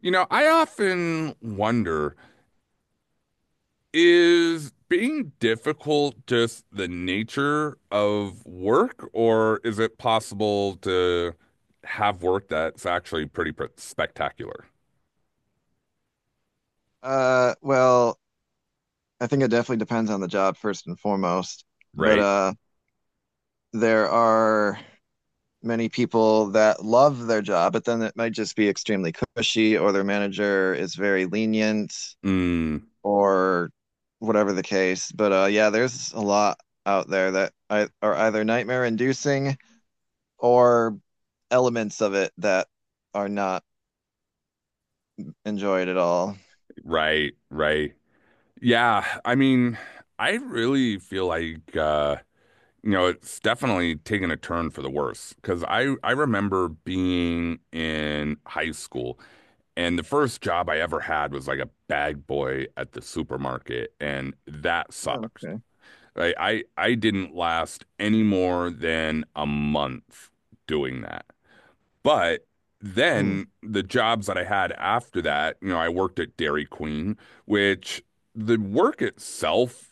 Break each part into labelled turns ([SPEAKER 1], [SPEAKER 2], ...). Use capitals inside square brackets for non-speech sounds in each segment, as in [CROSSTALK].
[SPEAKER 1] You know, I often wonder, is being difficult just the nature of work, or is it possible to have work that's actually pretty pr spectacular,
[SPEAKER 2] Uh, well, I think it definitely depends on the job first and foremost. But
[SPEAKER 1] right?
[SPEAKER 2] there are many people that love their job, but then it might just be extremely cushy, or their manager is very lenient,
[SPEAKER 1] Mm,
[SPEAKER 2] or whatever the case. But yeah, there's a lot out there that are either nightmare inducing or elements of it that are not enjoyed at all.
[SPEAKER 1] right, right. Yeah, I mean, I really feel like it's definitely taken a turn for the worse because I remember being in high school. And the first job I ever had was like a bag boy at the supermarket, and that
[SPEAKER 2] Oh,
[SPEAKER 1] sucked.
[SPEAKER 2] okay.
[SPEAKER 1] Like I didn't last any more than a month doing that. But
[SPEAKER 2] Mm,
[SPEAKER 1] then the jobs that I had after that, you know, I worked at Dairy Queen, which the work itself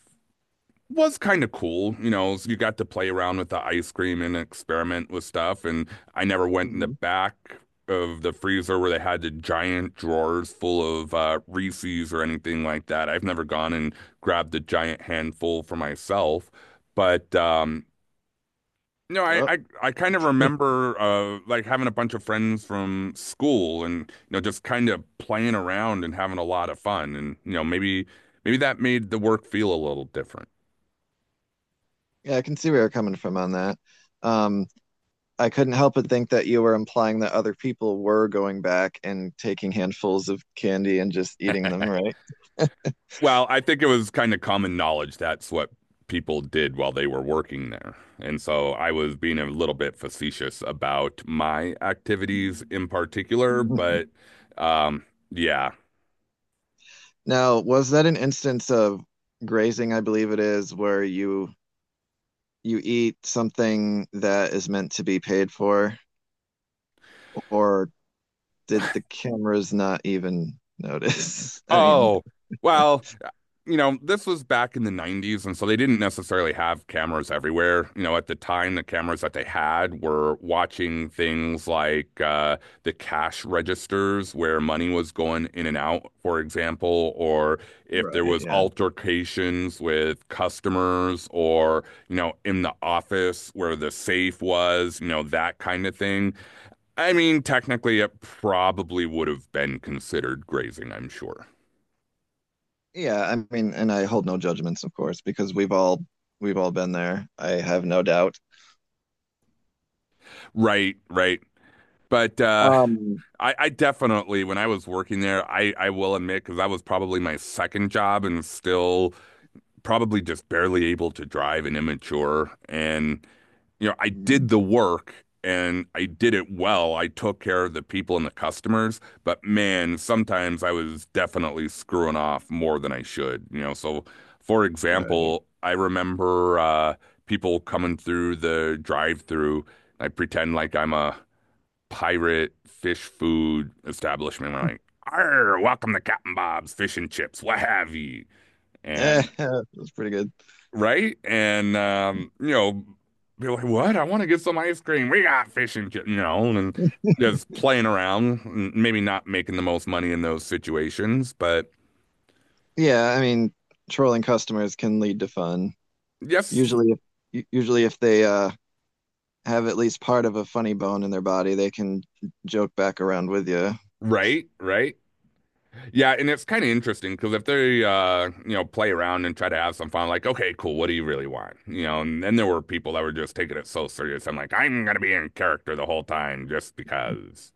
[SPEAKER 1] was kind of cool, you know, so you got to play around with the ice cream and experiment with stuff. And I never went in the
[SPEAKER 2] mhm.
[SPEAKER 1] back of the freezer where they had the giant drawers full of Reese's or anything like that. I've never gone and grabbed a giant handful for myself. But no, I
[SPEAKER 2] Oh,
[SPEAKER 1] I, I kind of remember like having a bunch of friends from school and just kind of playing around and having a lot of fun. And maybe maybe that made the work feel a little different.
[SPEAKER 2] yeah, I can see where you're coming from on that. Um, I couldn't help but think that you were implying that other people were going back and taking handfuls of candy and just eating them, right?
[SPEAKER 1] Well, I think it was kind of common knowledge that's what people did while they were working there. And so I was being a little bit facetious about my activities in particular,
[SPEAKER 2] [LAUGHS]
[SPEAKER 1] but um, yeah.
[SPEAKER 2] Now, was that an instance of grazing, I believe it is, where you eat something that is meant to be paid for, or did the cameras not even notice? [LAUGHS] I mean,
[SPEAKER 1] Oh, well, you know, this was back in the 90s, and so they didn't necessarily have cameras everywhere. You know, at the time, the cameras that they had were watching things like the cash registers where money was going in and out, for example, or if there
[SPEAKER 2] right,
[SPEAKER 1] was
[SPEAKER 2] yeah.
[SPEAKER 1] altercations with customers or, you know, in the office where the safe was, you know, that kind of thing. I mean, technically, it probably would have been considered grazing, I'm sure.
[SPEAKER 2] Yeah, I mean, and I hold no judgments, of course, because we've all been there. I have no doubt.
[SPEAKER 1] Right, right. But
[SPEAKER 2] Um,
[SPEAKER 1] I definitely, when I was working there, I will admit, because that was probably my second job and still probably just barely able to drive and immature. And, you know, I
[SPEAKER 2] mm,
[SPEAKER 1] did the work and I did it well. I took care of the people and the customers, but man, sometimes I was definitely screwing off more than I should, you know. So, for
[SPEAKER 2] right.
[SPEAKER 1] example, I remember people coming through the drive-through. I pretend like I'm a pirate fish food establishment. We're like, arr, welcome to Captain Bob's Fish and Chips, what have you.
[SPEAKER 2] Eh,
[SPEAKER 1] And
[SPEAKER 2] [LAUGHS] that's pretty good.
[SPEAKER 1] right? And you know, be like, what? I want to get some ice cream. We got fish and chips, you know, and just playing around, maybe not making the most money in those situations, but
[SPEAKER 2] Yeah, I mean, trolling customers can lead to fun.
[SPEAKER 1] yes,
[SPEAKER 2] Usually, usually if they have at least part of a funny bone in their body, they can joke back around with you.
[SPEAKER 1] right, right. Yeah, and it's kind of interesting because if they, you know, play around and try to have some fun, like, okay, cool, what do you really want? You know, and then there were people that were just taking it so serious. I'm like, I'm gonna be in character the whole time just because.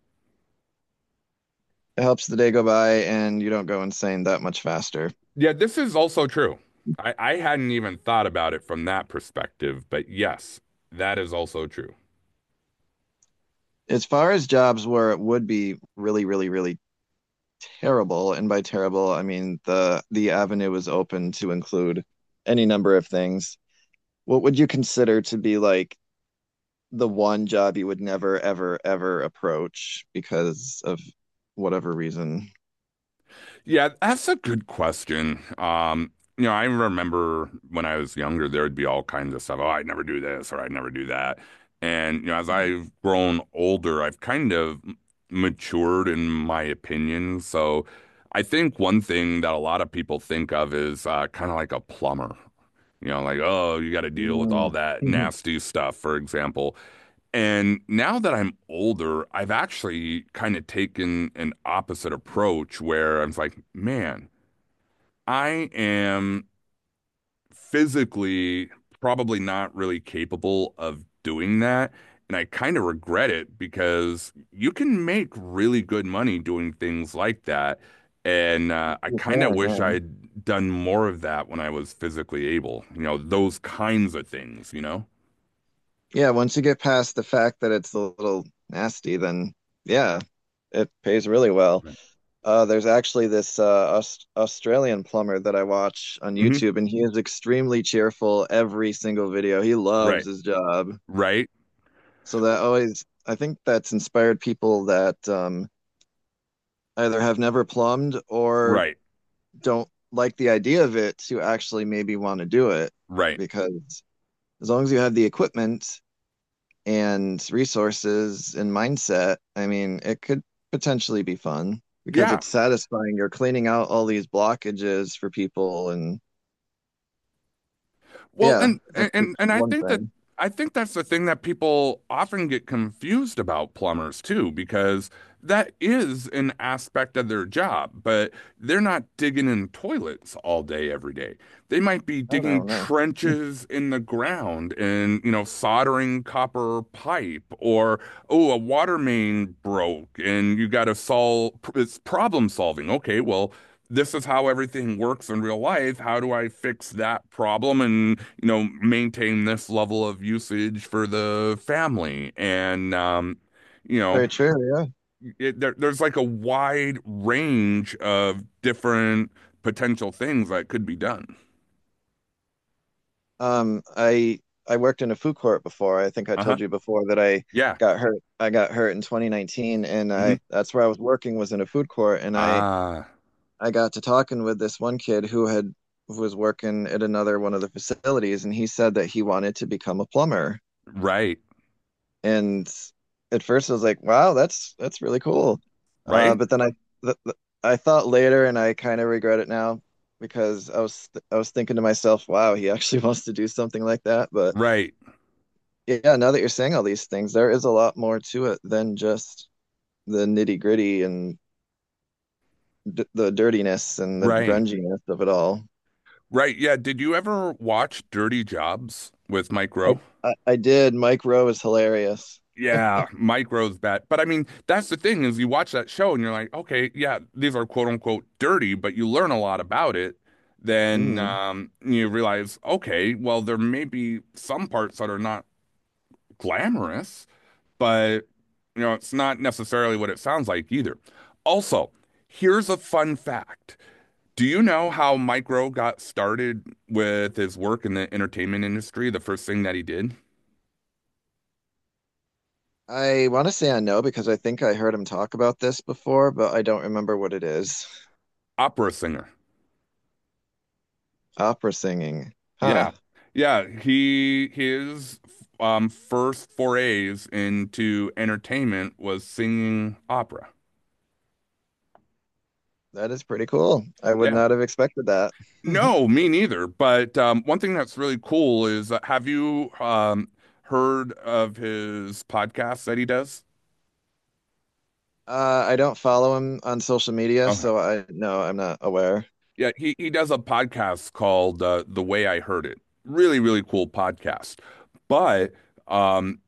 [SPEAKER 2] It helps the day go by, and you don't go insane that much faster.
[SPEAKER 1] Yeah, this is also true. I hadn't even thought about it from that perspective, but yes, that is also true.
[SPEAKER 2] As far as jobs where it would be really, really, really terrible, and by terrible, I mean the avenue is open to include any number of things. What would you consider to be like the one job you would never, ever, ever approach because of whatever reason.
[SPEAKER 1] Yeah, that's a good question. You know, I remember when I was younger, there would be all kinds of stuff. Oh, I'd never do this or I'd never do that. And, you know, as
[SPEAKER 2] Mm.
[SPEAKER 1] I've grown older, I've kind of matured in my opinion. So I think one thing that a lot of people think of is kind of like a plumber. You know, like, oh, you got to deal with all
[SPEAKER 2] You
[SPEAKER 1] that
[SPEAKER 2] [LAUGHS]
[SPEAKER 1] nasty stuff, for example. And now that I'm older, I've actually kind of taken an opposite approach where I'm like, man, I am physically probably not really capable of doing that. And I kind of regret it because you can make really good money doing things like that. And I kind of wish
[SPEAKER 2] yeah.
[SPEAKER 1] I'd done more of that when I was physically able, you know, those kinds of things, you know?
[SPEAKER 2] Yeah, once you get past the fact that it's a little nasty, then yeah, it pays really well.
[SPEAKER 1] Right.
[SPEAKER 2] There's actually this Australian plumber that I watch on
[SPEAKER 1] Hmm.
[SPEAKER 2] YouTube, and he is extremely cheerful every single video. He
[SPEAKER 1] Right.
[SPEAKER 2] loves his job.
[SPEAKER 1] Right.
[SPEAKER 2] So that always, I think that's inspired people that either have never plumbed or
[SPEAKER 1] Right.
[SPEAKER 2] don't like the idea of it to actually maybe want to do it
[SPEAKER 1] Right.
[SPEAKER 2] because as long as you have the equipment and resources and mindset, I mean, it could potentially be fun because
[SPEAKER 1] Yeah.
[SPEAKER 2] it's satisfying. You're cleaning out all these blockages for people and
[SPEAKER 1] Well,
[SPEAKER 2] yeah,
[SPEAKER 1] and
[SPEAKER 2] that's
[SPEAKER 1] and
[SPEAKER 2] just
[SPEAKER 1] and I
[SPEAKER 2] one
[SPEAKER 1] think that
[SPEAKER 2] thing.
[SPEAKER 1] I think that's the thing that people often get confused about plumbers too, because that is an aspect of their job, but they're not digging in toilets all day every day. They might be
[SPEAKER 2] I don't
[SPEAKER 1] digging
[SPEAKER 2] know, no.
[SPEAKER 1] trenches in the ground and, you know, soldering copper pipe or oh, a water main broke and you got to solve it's problem solving. Okay, well, this is how everything works in real life. How do I fix that problem and you know, maintain this level of usage for the family. And, you know,
[SPEAKER 2] Very true, yeah.
[SPEAKER 1] there's like a wide range of different potential things that could be done.
[SPEAKER 2] Um, I I worked in a food court before. I think I
[SPEAKER 1] Uh-huh.
[SPEAKER 2] told you before that I
[SPEAKER 1] Yeah.
[SPEAKER 2] got hurt. I got hurt in 2019 and
[SPEAKER 1] Hmm.
[SPEAKER 2] I that's where I was working was in a food court and I
[SPEAKER 1] Ah,
[SPEAKER 2] I got to talking with this one kid who was working at another one of the facilities, and he said that he wanted to become a plumber.
[SPEAKER 1] right.
[SPEAKER 2] And at first, I was like, "Wow, that's really cool,"
[SPEAKER 1] Right.
[SPEAKER 2] but then I th th I thought later, and I kind of regret it now because I was thinking to myself, "Wow, he [LAUGHS] actually wants to do something like that." But
[SPEAKER 1] Right.
[SPEAKER 2] yeah, now that you're saying all these things, there is a lot more to it than just the nitty gritty and d the dirtiness and the
[SPEAKER 1] Right.
[SPEAKER 2] grunginess of it all.
[SPEAKER 1] Right. Yeah. Did you ever watch Dirty Jobs with Mike
[SPEAKER 2] I,
[SPEAKER 1] Rowe?
[SPEAKER 2] I did. Mike Rowe is hilarious.
[SPEAKER 1] Yeah, micros bad. But I mean, that's the thing is you watch that show and you're like, okay, yeah, these are quote unquote dirty, but you learn a lot about it. Then
[SPEAKER 2] Mm.
[SPEAKER 1] you realize, okay, well, there may be some parts that are not glamorous, but you know, it's not necessarily what it sounds like either. Also, here's a fun fact. Do you know how Micro got started with his work in the entertainment industry? The first thing that he did?
[SPEAKER 2] I want to say I know because I think I heard him talk about this before, but I don't remember what it is.
[SPEAKER 1] Opera singer.
[SPEAKER 2] Opera singing. Huh.
[SPEAKER 1] Yeah. Yeah, he his first forays into entertainment was singing opera.
[SPEAKER 2] That is pretty cool. I would
[SPEAKER 1] Yeah.
[SPEAKER 2] not have expected that. [LAUGHS]
[SPEAKER 1] No, me neither. But one thing that's really cool is have you heard of his podcast that he does?
[SPEAKER 2] I don't follow him on social media,
[SPEAKER 1] Okay.
[SPEAKER 2] so I no, I'm not aware.
[SPEAKER 1] Yeah, he does a podcast called The Way I Heard It. Really, really cool podcast. But um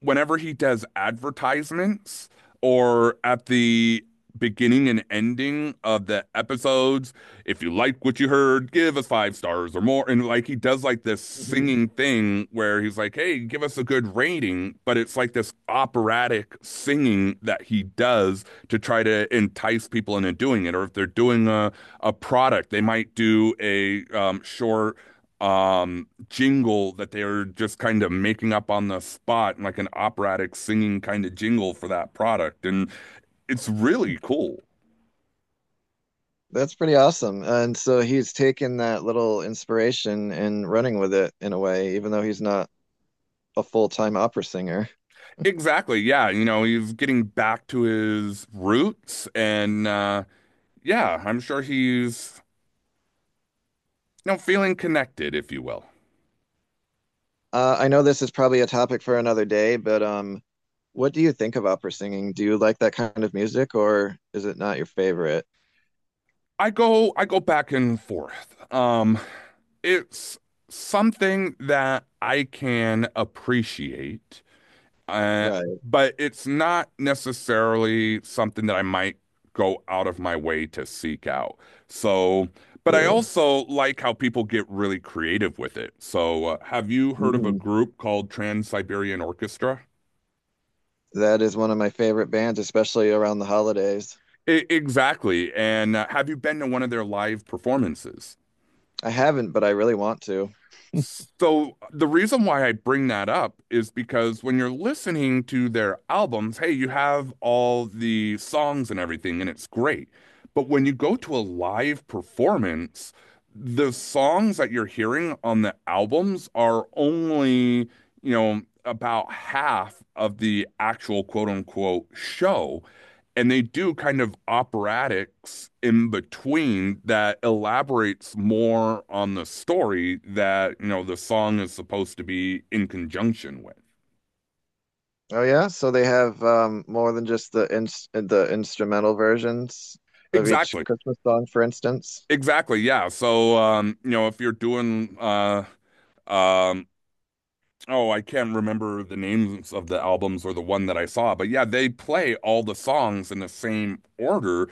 [SPEAKER 1] whenever he does advertisements or at the beginning and ending of the episodes, if you like what you heard, give us five stars or more. And like he does like this
[SPEAKER 2] [LAUGHS]
[SPEAKER 1] singing thing where he's like, hey, give us a good rating. But it's like this operatic singing that he does to try to entice people into doing it. Or if they're doing a product, they might do a short jingle that they are just kind of making up on the spot and like an operatic singing kind of jingle for that product and it's really cool
[SPEAKER 2] That's pretty awesome. And so he's taken that little inspiration and running with it in a way, even though he's not a full-time opera singer.
[SPEAKER 1] exactly yeah you know he's getting back to his roots and yeah I'm sure he's you know feeling connected if you will.
[SPEAKER 2] I know this is probably a topic for another day, but what do you think of opera singing? Do you like that kind of music, or is it not your favorite?
[SPEAKER 1] I go back and forth it's something that I can appreciate. Uh,
[SPEAKER 2] Right,
[SPEAKER 1] but it's not necessarily something that I might go out of my way to seek out. So, but I
[SPEAKER 2] true.
[SPEAKER 1] also like how people get really creative with it. So, have you heard of a
[SPEAKER 2] Mhm.
[SPEAKER 1] group called Trans-Siberian Orchestra?
[SPEAKER 2] That is one of my favorite bands, especially around the holidays.
[SPEAKER 1] I exactly. And have you been to one of their live performances?
[SPEAKER 2] I haven't, but I really want to.
[SPEAKER 1] So the reason why I bring that up is because when you're listening to their albums, hey, you have all the songs and everything, and it's great. But when you go to a live performance, the songs that you're hearing on the albums are only, you know, about half of the actual quote unquote show and they do kind of operatics in between that elaborates more on the story that you know the song is supposed to be in conjunction with
[SPEAKER 2] Oh yeah, so they have more than just the instrumental versions of each
[SPEAKER 1] exactly
[SPEAKER 2] Christmas song, for instance.
[SPEAKER 1] exactly yeah so you know if you're doing um oh I can't remember the names of the albums or the one that I saw but yeah they play all the songs in the same order.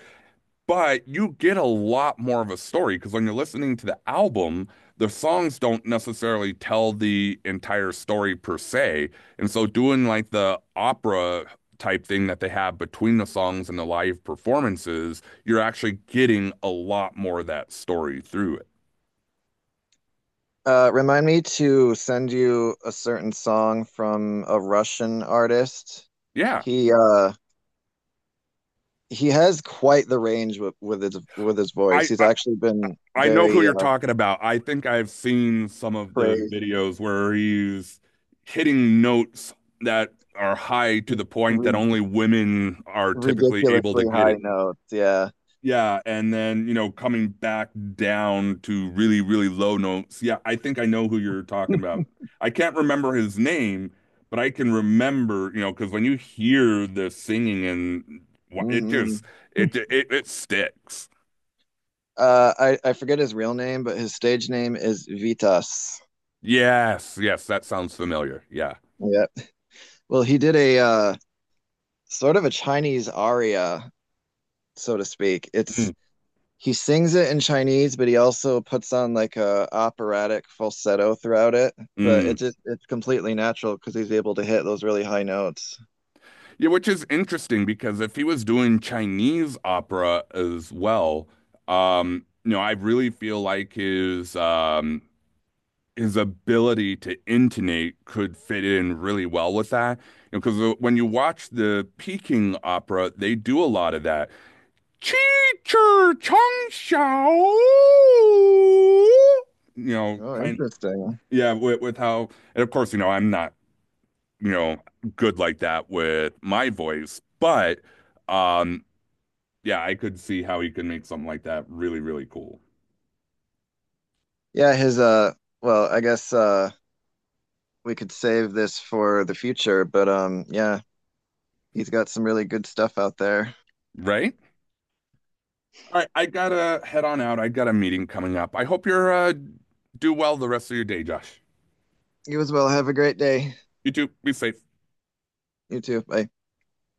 [SPEAKER 1] But you get a lot more of a story because when you're listening to the album, the songs don't necessarily tell the entire story per se. And so doing like the opera type thing that they have between the songs and the live performances, you're actually getting a lot more of that story through it.
[SPEAKER 2] Remind me to send you a certain song from a Russian artist.
[SPEAKER 1] Yeah.
[SPEAKER 2] He he has quite the range with his voice.
[SPEAKER 1] I,
[SPEAKER 2] He's
[SPEAKER 1] I
[SPEAKER 2] actually been
[SPEAKER 1] I know who
[SPEAKER 2] very
[SPEAKER 1] you're talking about. I think I've seen some of the
[SPEAKER 2] praised
[SPEAKER 1] videos where he's hitting notes that are high to the point that
[SPEAKER 2] ri-
[SPEAKER 1] only women are typically able to
[SPEAKER 2] ridiculously
[SPEAKER 1] get it.
[SPEAKER 2] high notes. Yeah.
[SPEAKER 1] Yeah, and then, you know, coming back down to really, really low notes. Yeah, I think I know who you're talking about. I can't remember his name, but I can remember, you know, because when you hear the singing and it just
[SPEAKER 2] hmm
[SPEAKER 1] it sticks.
[SPEAKER 2] I forget his real name, but his stage name is Vitas.
[SPEAKER 1] Yes, yes, that sounds familiar. Yeah.
[SPEAKER 2] Yeah. Well, he did a sort of a Chinese aria, so to speak.
[SPEAKER 1] Mm,
[SPEAKER 2] It's He sings it in Chinese, but he also puts on like a operatic falsetto throughout it. But
[SPEAKER 1] mm.
[SPEAKER 2] it's completely natural because he's able to hit those really high notes.
[SPEAKER 1] Yeah, which is interesting because if he was doing Chinese opera as well, you know, I really feel like his ability to intonate could fit in really well with that. You know, because when you watch the Peking opera, they do a lot of that. Chi chir chong xiao. You know,
[SPEAKER 2] Oh,
[SPEAKER 1] kind
[SPEAKER 2] interesting.
[SPEAKER 1] yeah, with how, and of course, you know, I'm not you know, good like that with my voice. But um, yeah, I could see how he could make something like that really, really cool.
[SPEAKER 2] Yeah, his well, I guess we could save this for the future, but yeah, he's got some really good stuff out there.
[SPEAKER 1] Right? All right, I gotta head on out. I got a meeting coming up. I hope you're do well the rest of your day, Josh.
[SPEAKER 2] You as well. Have a great day.
[SPEAKER 1] You too. Be safe.
[SPEAKER 2] You too. Bye.